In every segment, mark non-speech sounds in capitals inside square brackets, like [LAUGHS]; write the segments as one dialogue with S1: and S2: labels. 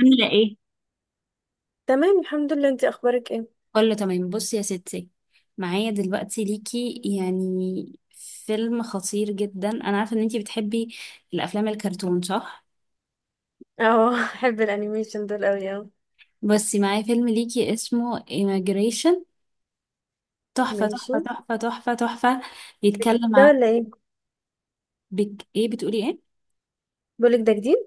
S1: عاملة ايه؟
S2: تمام، الحمد لله، انتي اخبارك ايه؟
S1: كله تمام. بصي يا ستي، معايا دلوقتي ليكي يعني فيلم خطير جدا. انا عارفه ان انتي بتحبي الافلام الكرتون، صح؟
S2: اه [LAUGHS] احب الانيميشن دول قوي، اه.
S1: بس معايا فيلم ليكي اسمه Immigration. تحفه
S2: ماشي.
S1: تحفه تحفه تحفه تحفه. بيتكلم
S2: ده
S1: عن،
S2: ولا ايه؟
S1: ايه بتقولي ايه؟
S2: بقولك، ده جديد؟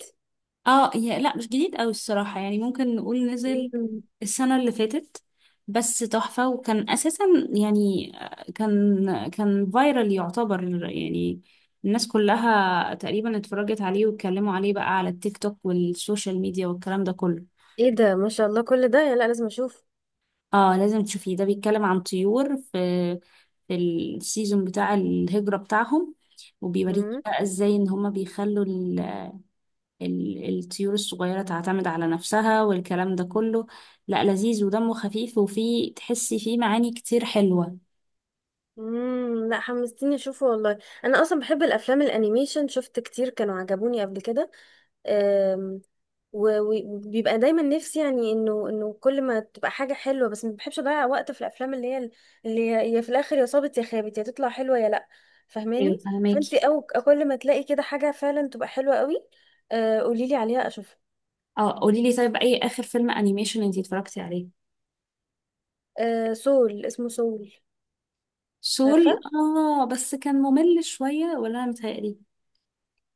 S1: اه يا لا، مش جديد قوي الصراحة، يعني ممكن نقول نزل
S2: مم.
S1: السنة اللي فاتت، بس تحفة. وكان أساسا يعني، كان فايرال يعتبر، يعني الناس كلها تقريبا اتفرجت عليه واتكلموا عليه بقى على التيك توك والسوشيال ميديا والكلام ده كله.
S2: ايه ده؟ ما شاء الله، كل ده؟ لا، لازم اشوف.
S1: اه لازم تشوفيه، ده بيتكلم عن طيور في السيزون بتاع الهجرة بتاعهم، وبيوريك
S2: مم.
S1: بقى ازاي ان هما بيخلوا الطيور الصغيرة تعتمد على نفسها والكلام ده كله. لا، لذيذ ودمه خفيف، وفيه تحسي فيه معاني كتير حلوة.
S2: لا، حمستيني اشوفه والله. انا اصلا بحب الافلام الانيميشن، شفت كتير كانوا عجبوني قبل كده. أم، وبيبقى دايما نفسي يعني انه كل ما تبقى حاجه حلوه، بس ما بحبش اضيع وقت في الافلام اللي هي في الاخر يا صابت يا خابت، يا تطلع حلوه يا لا.
S1: ايوه
S2: فاهماني؟ فانت
S1: فهماكي.
S2: او كل ما تلاقي كده حاجه فعلا تبقى حلوه قوي، قولي لي عليها اشوفها.
S1: اه قولي لي، طيب اي اخر فيلم انيميشن انتي اتفرجتي عليه؟
S2: سول، اسمه سول.
S1: سول.
S2: عارفه.
S1: اه، بس كان ممل شوية، ولا انا متهيألي؟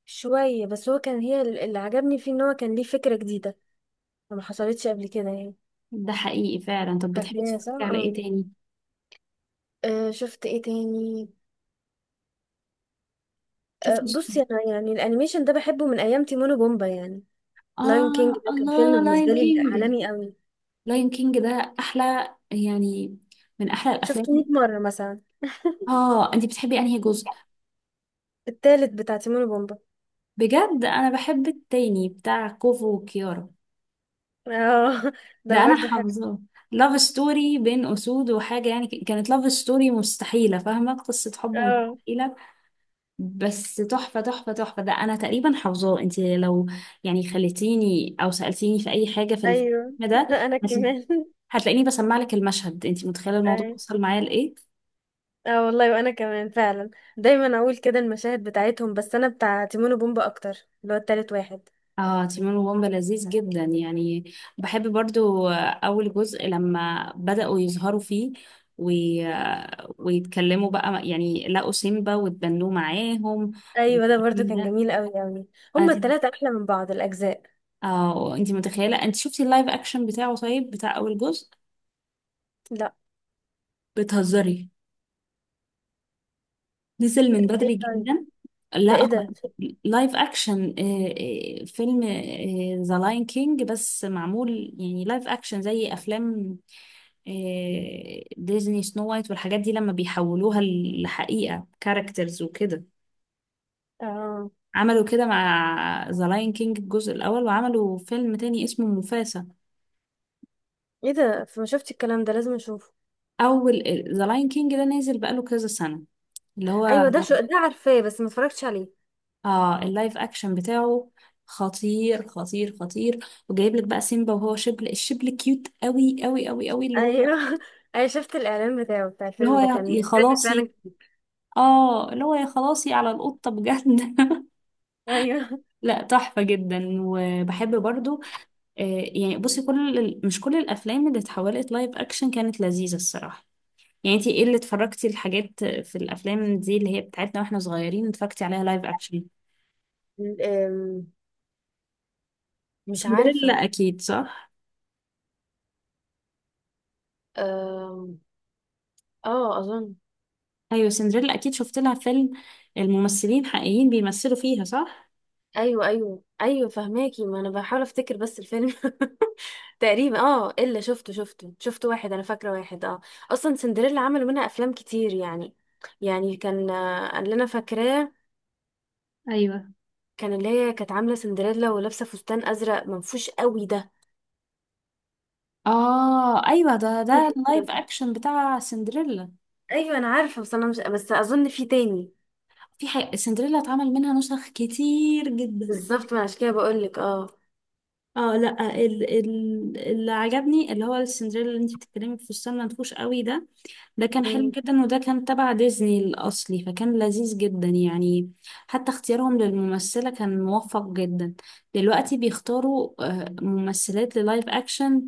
S2: شويه، بس هو كان، هي اللي عجبني فيه ان هو كان ليه فكره جديده ما حصلتش قبل كده يعني.
S1: ده حقيقي فعلا. طب بتحبي
S2: عارفين يا
S1: تتفرجي على
S2: ساره،
S1: ايه
S2: اه.
S1: تاني؟
S2: شفت ايه تاني؟
S1: شفتي؟
S2: بصي، انا يعني الانيميشن ده بحبه من ايام تيمون وبومبا يعني. لاين كينج
S1: اه
S2: ده كان فيلم
S1: الله،
S2: بالنسبه
S1: لاين
S2: لي
S1: كينج.
S2: عالمي قوي،
S1: لاين كينج ده احلى يعني، من احلى
S2: شفته
S1: الافلام.
S2: 100 مره مثلا [LAUGHS]
S1: اه انتي بتحبي انهي جزء؟
S2: التالت بتاع تيمون وبومبا.
S1: بجد انا بحب التاني بتاع كوفو وكيارا،
S2: اه [LAUGHS] ده
S1: ده انا
S2: برضه حلو.
S1: حافظاه. لاف ستوري بين اسود وحاجه يعني، كانت لاف ستوري مستحيله، فاهمه، قصه حب
S2: اه
S1: مستحيله، بس تحفه تحفه تحفه. ده انا تقريبا حافظاه، انت لو يعني خليتيني او سالتيني في اي حاجه في الفيلم
S2: ايوه
S1: ده،
S2: [LAUGHS] انا
S1: هتل-
S2: كمان.
S1: هتلاقيني بسمع لك المشهد. انت متخيله الموضوع
S2: أيوة.
S1: وصل معايا لايه.
S2: اه والله وانا كمان فعلا، دايما اقول كده المشاهد بتاعتهم، بس انا بتاع تيمون وبومبا اكتر، اللي هو التالت واحد.
S1: اه، تيمون وومبا لذيذ جدا يعني. بحب برضو اول جزء لما بدأوا يظهروا فيه وي... ويتكلموا بقى، يعني لقوا سيمبا واتبنوه معاهم
S2: ايوه ده برضه
S1: والكلام
S2: كان
S1: ده.
S2: جميل قوي قوي. هما
S1: انا،
S2: التلاتة احلى من بعض الاجزاء.
S1: اه انت متخيلة، انت شفتي اللايف اكشن بتاعه طيب، بتاع اول جزء؟
S2: لا.
S1: بتهزري، نزل من بدري
S2: ايه طيب؟
S1: جدا.
S2: ده،
S1: لا
S2: ايه
S1: هو
S2: ده؟
S1: لايف اكشن، فيلم ذا لاين كينج، بس معمول يعني لايف اكشن زي افلام ديزني، سنو وايت والحاجات دي لما بيحولوها لحقيقة، كاركترز وكده.
S2: اه،
S1: عملوا كده مع ذا لاين كينج الجزء الأول، وعملوا فيلم تاني اسمه موفاسا.
S2: ايه ده؟ ما شفتش الكلام ده، لازم اشوفه.
S1: أول ذا لاين كينج ده نازل بقاله كذا سنة، اللي هو
S2: ايوه ده، شو ده، عارفاه بس ما اتفرجتش عليه.
S1: اه اللايف أكشن بتاعه خطير خطير خطير، وجايب لك بقى سيمبا وهو شبل، الشبل كيوت قوي قوي قوي قوي. اللي هو،
S2: ايوه [LAUGHS] ايوه، شفت الاعلان بتاعه بتاع
S1: اللي هو
S2: الفيلم ده،
S1: يا
S2: كان
S1: يا
S2: الفيلم
S1: خلاصي.
S2: فعلا كتير.
S1: اه اللي هو، يا خلاصي على القطة بجد [LAUGHS]
S2: ايوه.
S1: لا تحفة جدا. وبحب برضو، آه، يعني بصي، مش كل الافلام اللي اتحولت لايف اكشن كانت لذيذه الصراحه. يعني انتي ايه اللي اتفرجتي، الحاجات في الافلام دي اللي هي بتاعتنا واحنا صغيرين، اتفرجتي عليها لايف اكشن؟
S2: أم، مش
S1: سندريلا
S2: عارفه.
S1: اكيد، صح؟
S2: أم، اه، اظن.
S1: ايوه سندريلا اكيد شفت لها فيلم، الممثلين حقيقيين بيمثلوا فيها، صح؟
S2: ايوه ايوه ايوه فهماكي، ما انا بحاول افتكر بس الفيلم [LAUGHS] تقريبا الا شفت واحد، انا فاكره واحد، اه. اصلا سندريلا عملوا منها افلام كتير يعني، يعني كان اللي انا فاكراه،
S1: ايوه
S2: كان اللي هي كانت عامله سندريلا ولابسه فستان ازرق منفوش قوي ده.
S1: اه ايوه، ده اللايف اكشن بتاع سندريلا.
S2: ايوه انا عارفه، بس انا مش، بس اظن في تاني.
S1: في سندريلا اتعمل منها نسخ كتير جدا.
S2: بالظبط، ما عشان كده بقول لك، اه.
S1: اه لا، اللي عجبني اللي هو السندريلا اللي انت بتتكلمي، في فستان منفوش قوي ده. ده كان حلو
S2: مم.
S1: جدا، وده كان تبع ديزني الأصلي، فكان لذيذ جدا يعني. حتى اختيارهم للممثلة كان موفق جدا. دلوقتي بيختاروا ممثلات للايف أكشن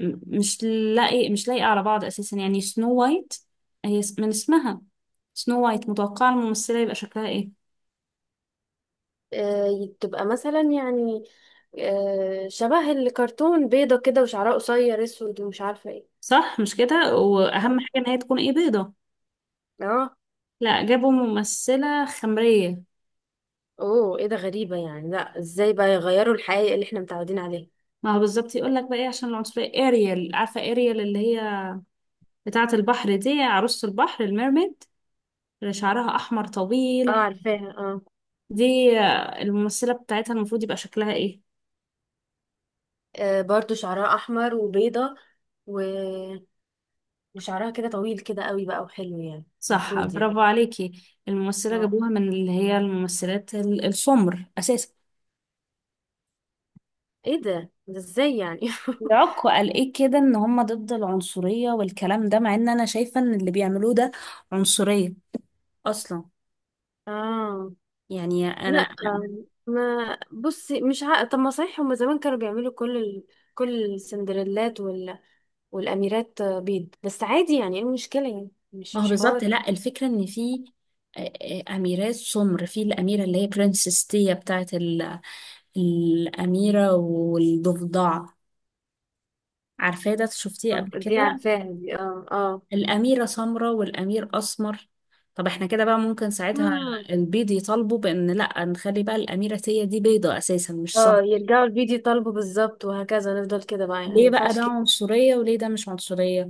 S1: مش لاقي على بعض أساسا، يعني سنو وايت هي من اسمها سنو وايت، متوقعة الممثلة يبقى شكلها ايه.
S2: تبقى مثلا يعني شبه الكرتون، بيضه كده، وشعرها قصير اسود ومش عارفه ايه.
S1: صح مش كده؟
S2: اه.
S1: وأهم حاجة إن هي تكون ايه، بيضة.
S2: اه.
S1: لا، جابوا ممثلة خمرية.
S2: اوه، ايه ده؟ غريبه يعني، لا، ازاي بقى يغيروا الحقيقه اللي احنا متعودين عليها؟
S1: ما هو بالظبط، يقول لك بقى ايه، عشان العنصرية. اريال، عارفة اريال اللي هي بتاعة البحر دي، عروسة البحر، الميرميد، اللي شعرها أحمر
S2: اه،
S1: طويل
S2: عارفاها، اه.
S1: دي، الممثلة بتاعتها المفروض يبقى شكلها إيه؟
S2: برضو شعرها احمر وبيضه، و وشعرها كده طويل كده قوي بقى، وحلو يعني.
S1: صح،
S2: المفروض يعني.
S1: برافو عليكي. الممثلة
S2: اه.
S1: جابوها من اللي هي الممثلات السمر أساسا.
S2: ايه ده ازاي يعني؟
S1: العكو قال إيه كده، إن هما ضد العنصرية والكلام ده، مع إن أنا شايفة إن اللي بيعملوه ده عنصرية أصلا،
S2: [LAUGHS] اه،
S1: يعني
S2: لا،
S1: أنا.
S2: ما بصي، مش عارفة، طب ما صحيح هما زمان كانوا بيعملوا كل ال... كل السندريلات، وال... والاميرات بيض، بس عادي يعني، ايه المشكلة يعني؟ مش
S1: ما هو
S2: مش
S1: بالظبط.
S2: حواري.
S1: لا الفكرة إن في أميرات سمر، في الأميرة اللي هي برنسس تيا بتاعة الأميرة والضفدع، عارفاه ده، شفتيه قبل
S2: دي
S1: كده؟
S2: عارفاها دي، اه اه.
S1: الأميرة سمراء والأمير أسمر. طب احنا كده بقى ممكن ساعتها
S2: مم.
S1: البيض يطالبوا بأن لأ، نخلي بقى الأميرة هي دي بيضة أساسا مش سمراء.
S2: اه، يرجعوا الفيديو يطالبوا بالظبط، وهكذا نفضل كده بقى، يعني ما
S1: ليه بقى
S2: ينفعش
S1: ده
S2: كده.
S1: عنصرية وليه ده مش عنصرية؟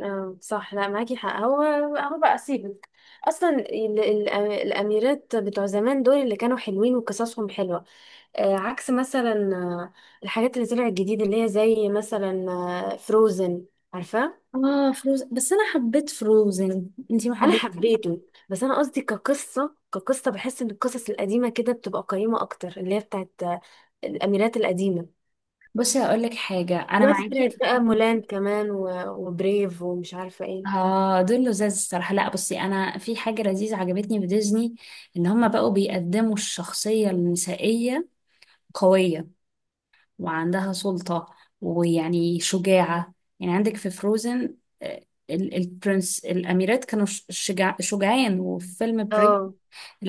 S2: اه صح، لا، معاكي حق، هو. هو بقى سيبك. اصلا الاميرات بتوع زمان دول اللي كانوا حلوين وقصصهم حلوه، عكس مثلا الحاجات اللي طلعت جديد، اللي هي زي مثلا فروزن، عارفاه.
S1: اه فروز، بس أنا حبيت فروزن، انتي ما
S2: انا
S1: حبيت؟
S2: حبيته، بس انا قصدي كقصه، بحس ان القصص القديمه كده بتبقى قيمه اكتر، اللي هي بتاعت الاميرات القديمه.
S1: بصي هقول لك حاجة، أنا
S2: دلوقتي
S1: معاكي
S2: طلعت
S1: في
S2: بقى
S1: الحتة دي.
S2: مولان كمان وبريف ومش عارفه ايه.
S1: اه دول لزاز الصراحة. لا بصي، أنا في حاجة لذيذة عجبتني في ديزني، إن هما بقوا بيقدموا الشخصية النسائية قوية، وعندها سلطة، ويعني شجاعة. يعني عندك في فروزن البرنس، الأميرات كانوا شجاع شجعان، وفي فيلم بريد
S2: اه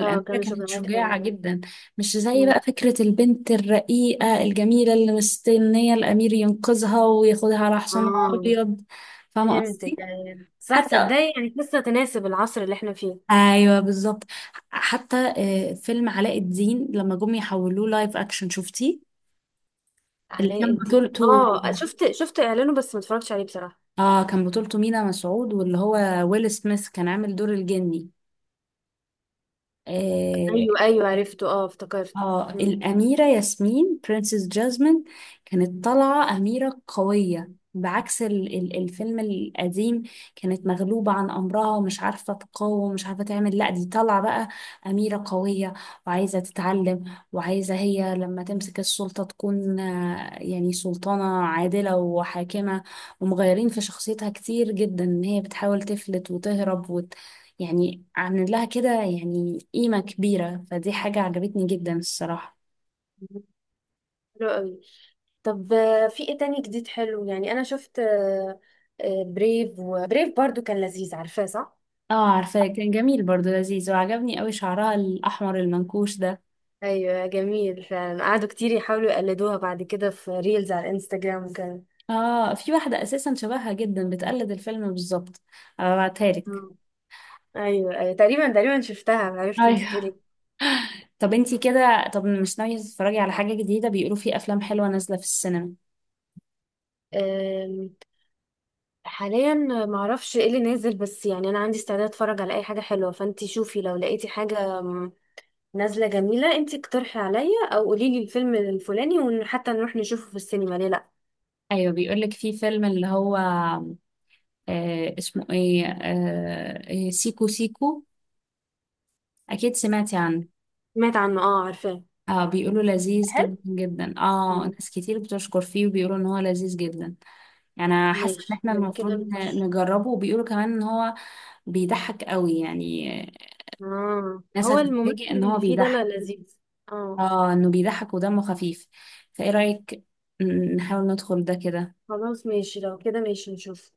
S2: اه، كانوا
S1: كانت
S2: شغلانات
S1: شجاعة
S2: فعلا.
S1: جدا. مش زي
S2: مم.
S1: بقى فكرة البنت الرقيقة الجميلة اللي مستنية الأمير ينقذها وياخدها على حصانه
S2: اه،
S1: الأبيض. فاهمة
S2: فهمتك
S1: قصدي؟
S2: أيوة. صح،
S1: حتى،
S2: تصدقي يعني لسه تناسب العصر اللي احنا فيه.
S1: أيوه بالظبط. حتى فيلم علاء الدين لما جم يحولوه لايف أكشن، شفتيه؟ اللي
S2: علاء
S1: كان
S2: الدين،
S1: بطولته،
S2: اه، شفت، اعلانه بس ما اتفرجتش عليه بصراحة.
S1: اه كان بطولته مينا مسعود، واللي هو ويل سميث كان عامل دور الجني آه
S2: ايوه ايوه، عرفته، اه افتكرت.
S1: اه.
S2: مم.
S1: الأميرة ياسمين، برنسس جاسمين، كانت طالعة أميرة قوية بعكس الفيلم القديم. كانت مغلوبة عن أمرها ومش عارفة تقاوم ومش عارفة تعمل، لا دي طالعة بقى أميرة قوية، وعايزة تتعلم، وعايزة هي لما تمسك السلطة تكون يعني سلطانة عادلة وحاكمة. ومغيرين في شخصيتها كتير جدا، إن هي بتحاول تفلت وتهرب، يعني عامل لها كده يعني قيمة كبيرة، فدي حاجة عجبتني جدا الصراحة.
S2: حلو قوي. طب في ايه تاني جديد حلو يعني؟ انا شفت، بريف، وبريف برضو كان لذيذ، عارفاه صح؟
S1: اه عارفة، كان جميل برضو، لذيذ، وعجبني قوي شعرها الأحمر المنكوش ده.
S2: ايوه جميل فعلا، قعدوا كتير يحاولوا يقلدوها بعد كده في ريلز على الانستجرام وكده.
S1: اه في واحدة أساسا شبهها جدا، بتقلد الفيلم بالظبط، هبعتها لك.
S2: مم. ايوه ايوه تقريبا شفتها، عرفت انت
S1: ايوه.
S2: تقولي.
S1: طب انتي كده، طب مش ناوية تتفرجي على حاجة جديدة؟ بيقولوا في أفلام حلوة نازلة في السينما.
S2: أم، حاليا معرفش ايه اللي نازل، بس يعني انا عندي استعداد اتفرج على اي حاجه حلوه، فانتي شوفي لو لقيتي حاجه نازله جميله، انتي اقترحي عليا او قولي لي الفيلم الفلاني، وحتى نروح نشوفه في السينما، ليه لا؟
S1: أيوة بيقولك، في فيلم اللي هو اسمه ايه، آه إيه، سيكو سيكو، أكيد سمعتي عنه.
S2: سمعت عنه، اه عارفاه.
S1: اه بيقولوا لذيذ
S2: حلو.
S1: جدا جدا، اه
S2: مم.
S1: ناس كتير بتشكر فيه وبيقولوا ان هو لذيذ جدا. يعني حاسه ان
S2: ماشي،
S1: احنا
S2: من
S1: المفروض
S2: كده نخش.
S1: نجربه، وبيقولوا كمان ان هو بيضحك قوي يعني،
S2: اه،
S1: ناس
S2: هو الممثل
S1: هتتفاجئ ان هو
S2: اللي فيه ده، لا،
S1: بيضحك.
S2: لذيذ. اه.
S1: اه انه بيضحك ودمه خفيف، فايه رأيك نحاول ندخل ده كده؟
S2: خلاص ماشي، لو كده ماشي، نشوف.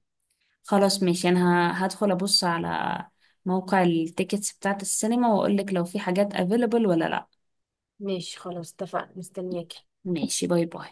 S1: خلاص ماشي، انا هدخل ابص على موقع التيكتس بتاعت السينما، واقول لك لو في حاجات available ولا لا.
S2: ماشي خلاص، اتفقنا، مستنياكي.
S1: ماشي، باي باي.